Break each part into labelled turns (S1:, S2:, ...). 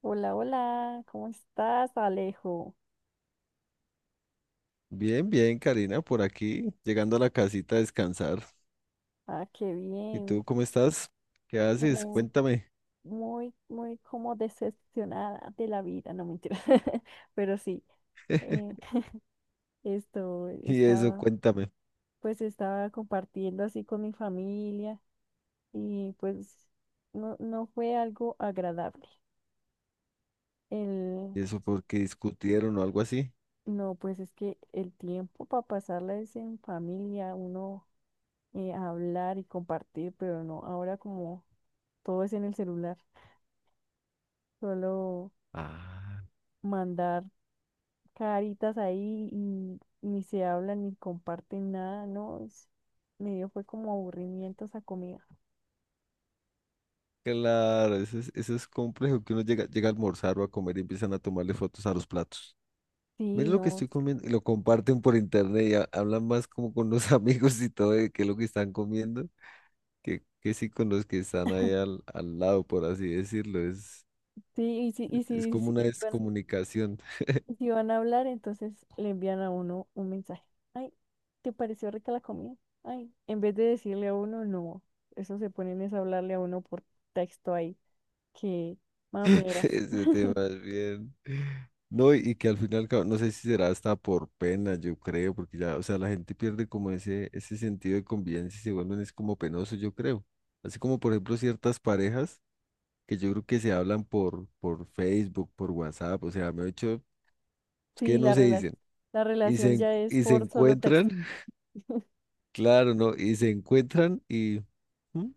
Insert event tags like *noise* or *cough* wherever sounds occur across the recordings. S1: Hola, hola, ¿cómo estás, Alejo?
S2: Bien, bien, Karina, por aquí, llegando a la casita a descansar.
S1: Ah, qué
S2: ¿Y tú
S1: bien.
S2: cómo estás? ¿Qué haces?
S1: Muy,
S2: Cuéntame.
S1: muy, muy como decepcionada de la vida, no mentira. *laughs* Pero sí, eh,
S2: *laughs*
S1: esto
S2: Y eso,
S1: estaba,
S2: cuéntame.
S1: pues estaba compartiendo así con mi familia y pues no, no fue algo agradable. El,
S2: ¿Y eso porque discutieron o algo así?
S1: no, pues es que el tiempo para pasarla es en familia, uno hablar y compartir, pero no, ahora como todo es en el celular. Solo
S2: Ah,
S1: mandar caritas ahí y ni se hablan ni comparten nada, ¿no? Me dio fue como aburrimiento esa comida.
S2: claro, eso es complejo, que uno llega, llega a almorzar o a comer y empiezan a tomarle fotos a los platos.
S1: Sí,
S2: Miren lo que
S1: no.
S2: estoy comiendo y lo comparten por internet y hablan más como con los *laughs* amigos y todo de qué es lo que están comiendo que sí con los que están ahí al lado, por así decirlo.
S1: Sí,
S2: Es como una descomunicación.
S1: y si van a hablar, entonces le envían a uno un mensaje. Ay, ¿te pareció rica la comida? Ay, en vez de decirle a uno, no. Eso se ponen es a hablarle a uno por texto ahí. Que
S2: *laughs*
S1: mameras.
S2: Ese
S1: *laughs*
S2: tema es bien. No, y que al final, cabo, no sé si será hasta por pena, yo creo, porque ya, o sea, la gente pierde como ese sentido de convivencia y se vuelven es como penoso, yo creo. Así como, por ejemplo, ciertas parejas que yo creo que se hablan por Facebook, por WhatsApp, o sea, me he hecho, es que
S1: Sí,
S2: no se dicen.
S1: la relación ya es
S2: Y se
S1: por solo
S2: encuentran,
S1: texto.
S2: *laughs* claro, ¿no? Y se encuentran y... ¿Mm?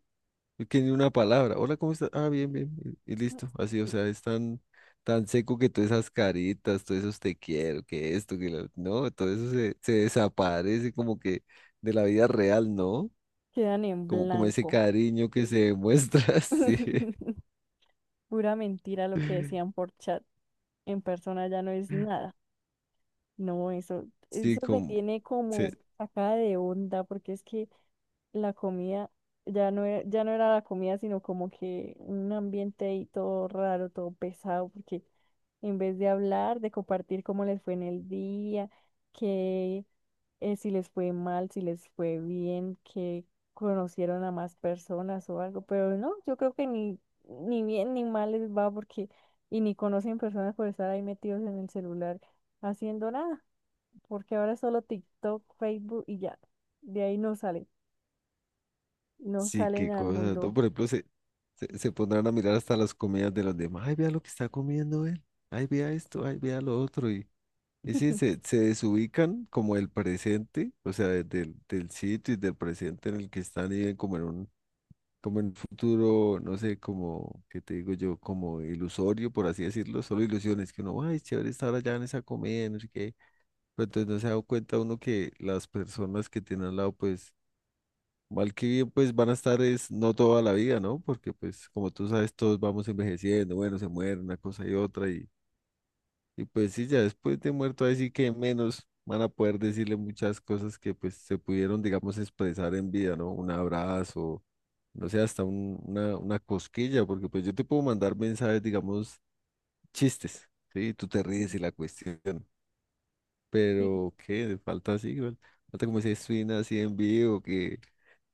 S2: Es que ni una palabra. Hola, ¿cómo estás? Ah, bien, bien. Y listo. Así, o sea, es tan, tan seco que todas esas caritas, todos esos te quiero, que esto, que lo... No, todo eso se desaparece como que de la vida real, ¿no?
S1: Quedan en
S2: Como, como ese
S1: blanco.
S2: cariño que se demuestra, *laughs* sí.
S1: *laughs* Pura mentira lo que decían por chat. En persona ya no es nada. No, eso,
S2: Sí,
S1: eso me
S2: como...
S1: tiene como
S2: se-
S1: sacada de onda porque es que la comida ya no era la comida, sino como que un ambiente ahí todo raro, todo pesado, porque en vez de hablar, de compartir cómo les fue en el día, que si les fue mal, si les fue bien, que conocieron a más personas o algo, pero no, yo creo que ni bien ni mal les va porque y ni conocen personas por estar ahí metidos en el celular haciendo nada, porque ahora es solo TikTok, Facebook y ya, de ahí no salen no
S2: sí,
S1: salen
S2: qué
S1: al
S2: cosa, ¿no?
S1: mundo.
S2: Por ejemplo, se pondrán a mirar hasta las comidas de los demás. Ay, vea lo que está comiendo él. Ay, vea esto, ay, vea lo otro. Y sí, se desubican como el presente, o sea, del sitio y del presente en el que están y ven como en un futuro, no sé, como, ¿qué te digo yo? Como ilusorio, por así decirlo, solo ilusiones, que uno, ay, chévere estar allá en esa comida, no sé qué, pero entonces no se da cuenta uno que las personas que tienen al lado, pues, mal que bien, pues van a estar es no toda la vida, ¿no? Porque pues, como tú sabes, todos vamos envejeciendo, bueno, se muere una cosa y otra y pues sí, ya después de muerto, así que menos van a poder decirle muchas cosas que pues se pudieron, digamos, expresar en vida, ¿no? Un abrazo, no sé, hasta una cosquilla, porque pues yo te puedo mandar mensajes, digamos, chistes, ¿sí? Tú te
S1: Y-
S2: ríes y la cuestión, pero ¿qué? Falta así, igual, falta como ese swing así en vivo,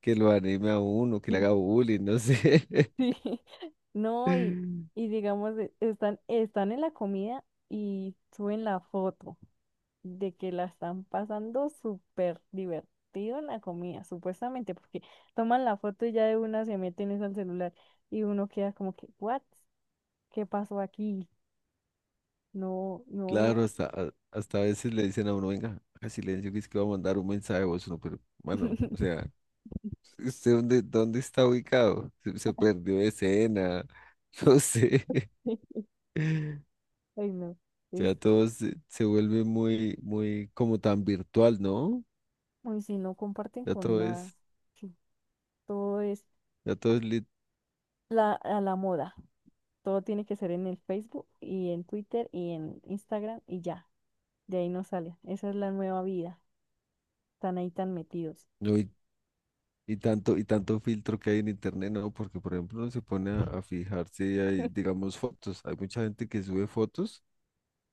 S2: que lo anime a uno, que le haga
S1: *laughs*
S2: bullying, no sé. *laughs*
S1: sí. No, y digamos, están en la comida y suben la foto de que la están pasando súper divertido en la comida, supuestamente, porque toman la foto y ya de una se meten es al celular y uno queda como que, ¿what? ¿Qué pasó aquí? No, no.
S2: Claro, hasta, hasta a veces le dicen a uno, venga, haga silencio, que es que va a mandar un mensaje de voz, uno, pero, bueno, o
S1: *laughs*
S2: sea... ¿Usted dónde está ubicado? Se perdió de escena, *laughs* no sé.
S1: Ay, no. Es,
S2: Ya todo se vuelve muy, muy como tan virtual, ¿no?
S1: uy, si no comparten
S2: Ya
S1: con
S2: todo
S1: nada,
S2: es,
S1: sí, todo es
S2: ya todo es
S1: a la moda. Todo tiene que ser en el Facebook y en Twitter y en Instagram y ya. De ahí no sale. Esa es la nueva vida. Están ahí tan metidos.
S2: no, y tanto filtro que hay en internet, ¿no? Porque, por ejemplo, uno se pone a fijarse y hay,
S1: *laughs*
S2: digamos, fotos. Hay mucha gente que sube fotos,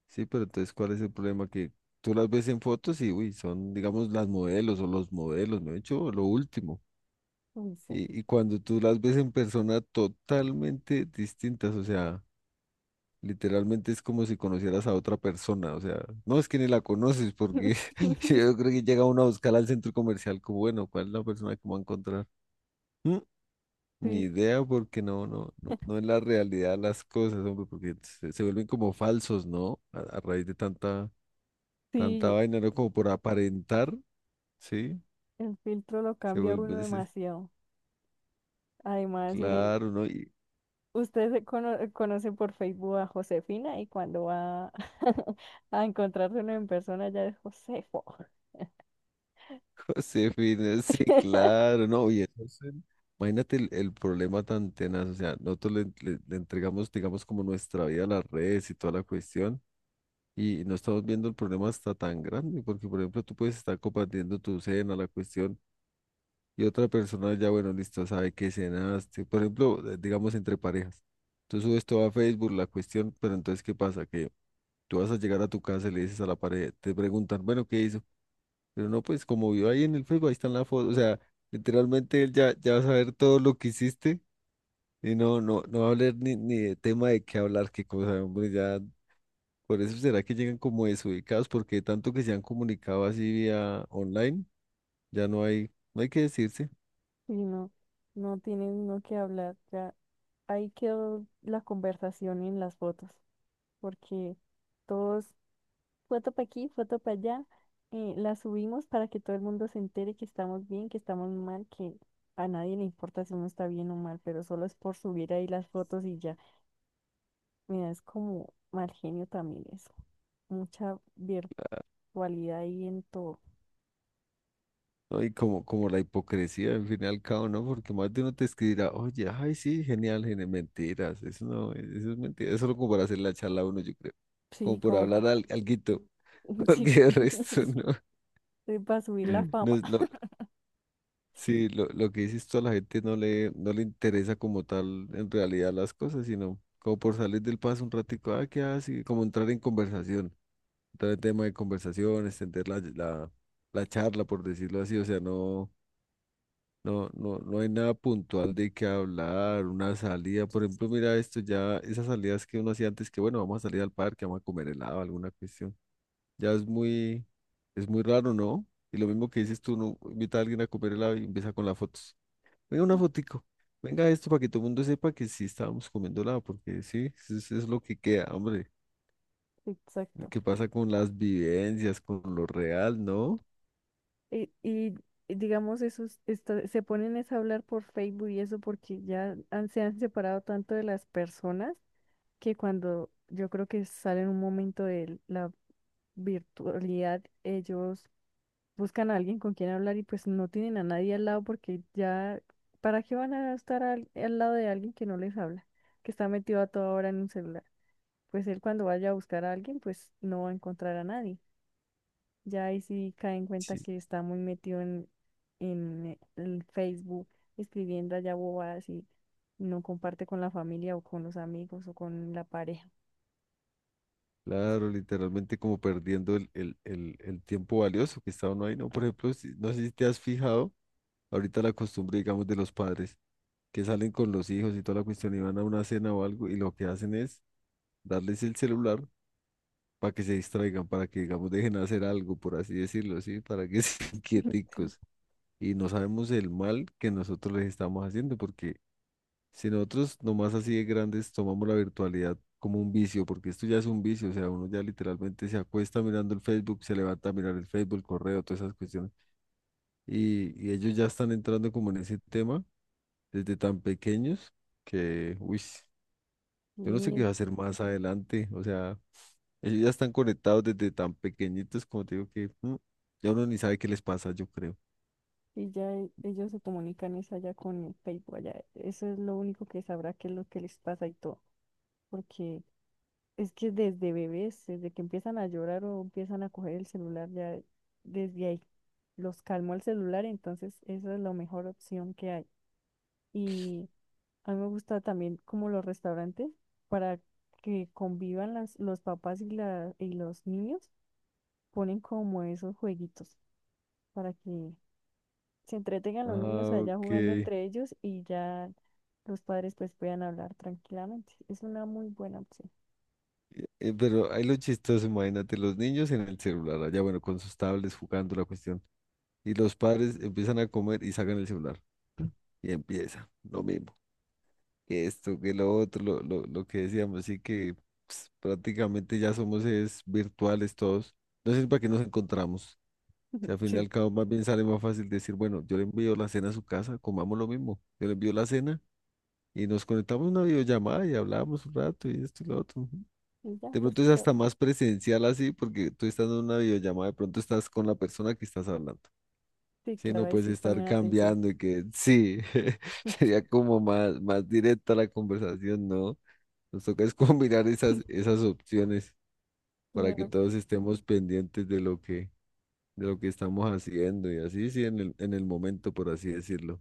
S2: sí, pero entonces, ¿cuál es el problema? Que tú las ves en fotos y, uy, son, digamos, las modelos o los modelos, ¿no? De hecho, lo último.
S1: Uy, sí.
S2: Y cuando tú las ves en persona totalmente distintas, o sea, literalmente es como si conocieras a otra persona, o sea, no es que ni la conoces, porque *laughs*
S1: *laughs*
S2: yo creo que llega uno a buscar al centro comercial como, bueno, ¿cuál es la persona que me va a encontrar? Mm, ni
S1: Sí,
S2: idea, porque no es la realidad las cosas, hombre, porque se vuelven como falsos, ¿no? A raíz de tanta, tanta
S1: sí,
S2: vaina, ¿no? Como por aparentar, ¿sí?
S1: el filtro lo
S2: Se
S1: cambia
S2: vuelve,
S1: uno
S2: ese-
S1: demasiado. Además,
S2: claro, ¿no?
S1: usted se conoce por Facebook a Josefina y cuando va *laughs* a encontrarse uno en persona ya es Josefo.
S2: Josefina, sí,
S1: *laughs*
S2: claro, no, y entonces, imagínate el problema tan tenaz, o sea, nosotros le entregamos, digamos, como nuestra vida a las redes y toda la cuestión, y no estamos viendo el problema hasta tan grande, porque, por ejemplo, tú puedes estar compartiendo tu cena, la cuestión, y otra persona ya, bueno, listo, sabe que cenaste, por ejemplo, digamos, entre parejas, tú subes todo a Facebook, la cuestión, pero entonces, ¿qué pasa? Que tú vas a llegar a tu casa y le dices a la pareja, te preguntan, bueno, ¿qué hizo? Pero no, pues como vio ahí en el Facebook, ahí están las fotos. O sea, literalmente él ya, ya va a saber todo lo que hiciste y no va a hablar ni de tema de qué hablar, qué cosa, hombre, ya. Por eso será que llegan como desubicados, porque tanto que se han comunicado así vía online, ya no hay, no hay que decirse.
S1: Y no, no tiene uno que hablar. Ya ahí quedó la conversación en las fotos. Porque todos, foto para aquí, foto para allá, la subimos para que todo el mundo se entere que estamos bien, que estamos mal, que a nadie le importa si uno está bien o mal, pero solo es por subir ahí las fotos y ya. Mira, es como mal genio también eso, mucha virtualidad ahí en todo.
S2: ¿No? Y como, como la hipocresía, al fin y al cabo, ¿no? Porque más de uno te escribirá, oye, ay, sí, genial, genial, mentiras, eso no, eso es mentira, eso es solo como para hacer la charla a uno, yo creo,
S1: Sí,
S2: como por
S1: como,
S2: hablar alguito, *laughs*
S1: *laughs* sí,
S2: porque el resto no.
S1: *laughs* para subir la
S2: No
S1: fama.
S2: es lo, sí, lo que dices tú a la gente no le interesa como tal en realidad las cosas, sino como por salir del paso un ratico, ah, ¿qué hace? Como entrar en conversación, entrar en tema de conversación, extender la charla, por decirlo así, o sea, no, no hay nada puntual de qué hablar, una salida, por ejemplo, mira esto ya, esas salidas que uno hacía antes, que bueno, vamos a salir al parque, vamos a comer helado, alguna cuestión. Ya es muy raro, ¿no? Y lo mismo que dices tú, no invita a alguien a comer helado y empieza con las fotos. Venga, una fotico. Venga esto para que todo el mundo sepa que sí estábamos comiendo helado, porque sí, eso es lo que queda, hombre.
S1: Exacto.
S2: ¿Qué pasa con las vivencias, con lo real, no?
S1: Y, digamos, esos se ponen es a hablar por Facebook y eso porque se han separado tanto de las personas que cuando yo creo que salen un momento de la virtualidad, ellos buscan a alguien con quien hablar y pues no tienen a nadie al lado porque ya, ¿para qué van a estar al lado de alguien que no les habla, que está metido a toda hora en un celular? Pues él cuando vaya a buscar a alguien, pues no va a encontrar a nadie. Ya ahí sí cae en cuenta
S2: Sí,
S1: que está muy metido en el Facebook, escribiendo allá bobadas y no comparte con la familia o con los amigos o con la pareja.
S2: claro, literalmente como perdiendo el tiempo valioso que está uno ahí, ¿no? Por ejemplo, no sé si te has fijado, ahorita la costumbre, digamos, de los padres que salen con los hijos y toda la cuestión y van a una cena o algo y lo que hacen es darles el celular para que se distraigan, para que, digamos, dejen hacer algo, por así decirlo, ¿sí? Para que *laughs* sean
S1: *laughs* Sí.
S2: quieticos. Y no sabemos el mal que nosotros les estamos haciendo, porque si nosotros nomás así de grandes tomamos la virtualidad como un vicio, porque esto ya es un vicio, o sea, uno ya literalmente se acuesta mirando el Facebook, se levanta a mirar el Facebook, el correo, todas esas cuestiones. Y ellos ya están entrando como en ese tema desde tan pequeños que, uy, yo no sé qué
S1: Y,
S2: va a hacer más adelante, o sea... Ellos ya están conectados desde tan pequeñitos, como te digo, que ya uno ni sabe qué les pasa, yo creo.
S1: y ya ellos se comunican es allá con el Facebook, allá. Eso es lo único que sabrá qué es lo que les pasa y todo. Porque es que desde bebés, desde que empiezan a llorar o empiezan a coger el celular, ya desde ahí los calmó el celular, entonces esa es la mejor opción que hay. Y a mí me gusta también como los restaurantes para que convivan los papás y los niños, ponen como esos jueguitos para que se entretengan los niños
S2: Ah,
S1: allá
S2: ok.
S1: jugando entre ellos y ya los padres pues puedan hablar tranquilamente. Es una muy buena opción.
S2: Pero ahí lo chistoso, imagínate, los niños en el celular, allá bueno, con sus tablets jugando la cuestión, y los padres empiezan a comer y sacan el celular, ¿no? Y empieza lo mismo, que esto, que lo otro, lo que decíamos, así que pues, prácticamente ya somos es virtuales todos, no sé para qué nos encontramos. Si al fin y
S1: Sí.
S2: al cabo más bien sale más fácil decir, bueno, yo le envío la cena a su casa, comamos lo mismo. Yo le envío la cena y nos conectamos a una videollamada y hablamos un rato y esto y lo otro. Ujú.
S1: Y ya
S2: De
S1: pues
S2: pronto es
S1: so-
S2: hasta más presencial así porque tú estás en una videollamada, de pronto estás con la persona que estás hablando.
S1: sí,
S2: Sí,
S1: claro,
S2: no
S1: ahí
S2: puedes
S1: sí
S2: estar
S1: ponen atención.
S2: cambiando y que sí, *laughs*
S1: *laughs*
S2: sería como más, más directa la conversación, ¿no? Nos toca es *laughs* combinar esas, esas opciones para que
S1: Claro,
S2: todos estemos pendientes de lo que estamos haciendo y así, sí, en el momento, por así decirlo.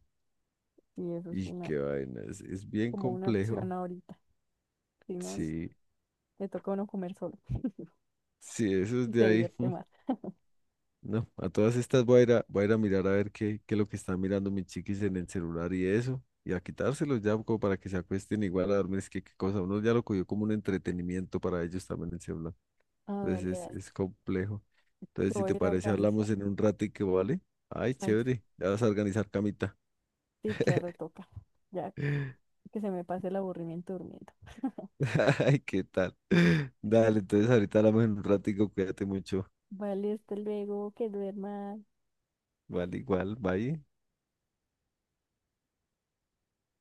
S1: y eso es
S2: Y
S1: una
S2: qué vaina, es bien
S1: como una opción
S2: complejo.
S1: ahorita. Si no,
S2: Sí,
S1: le toca a uno comer solo. *laughs*
S2: sí, eso es de
S1: Se
S2: ahí. *laughs*
S1: divierte más.
S2: No, a todas estas voy a ir a mirar a ver qué es lo que están mirando mis chiquis en el celular y eso, y a quitárselos ya como para que se acuesten igual a dormir. Es que qué cosa, uno ya lo cogió como un entretenimiento para ellos también el celular.
S1: Ah, dale,
S2: Entonces
S1: dale.
S2: es complejo. Entonces,
S1: Yo
S2: si
S1: voy a
S2: te
S1: ir a
S2: parece,
S1: organizar.
S2: hablamos en un ratico, ¿vale? Ay,
S1: Vale,
S2: chévere, ya vas a organizar camita.
S1: sí, claro, toca. Ya
S2: *laughs*
S1: que se me pase el aburrimiento durmiendo.
S2: *laughs* Ay, ¿qué tal? Dale, entonces ahorita hablamos en un ratico, cuídate mucho.
S1: Vale, hasta luego, que duermas.
S2: Vale, igual, bye.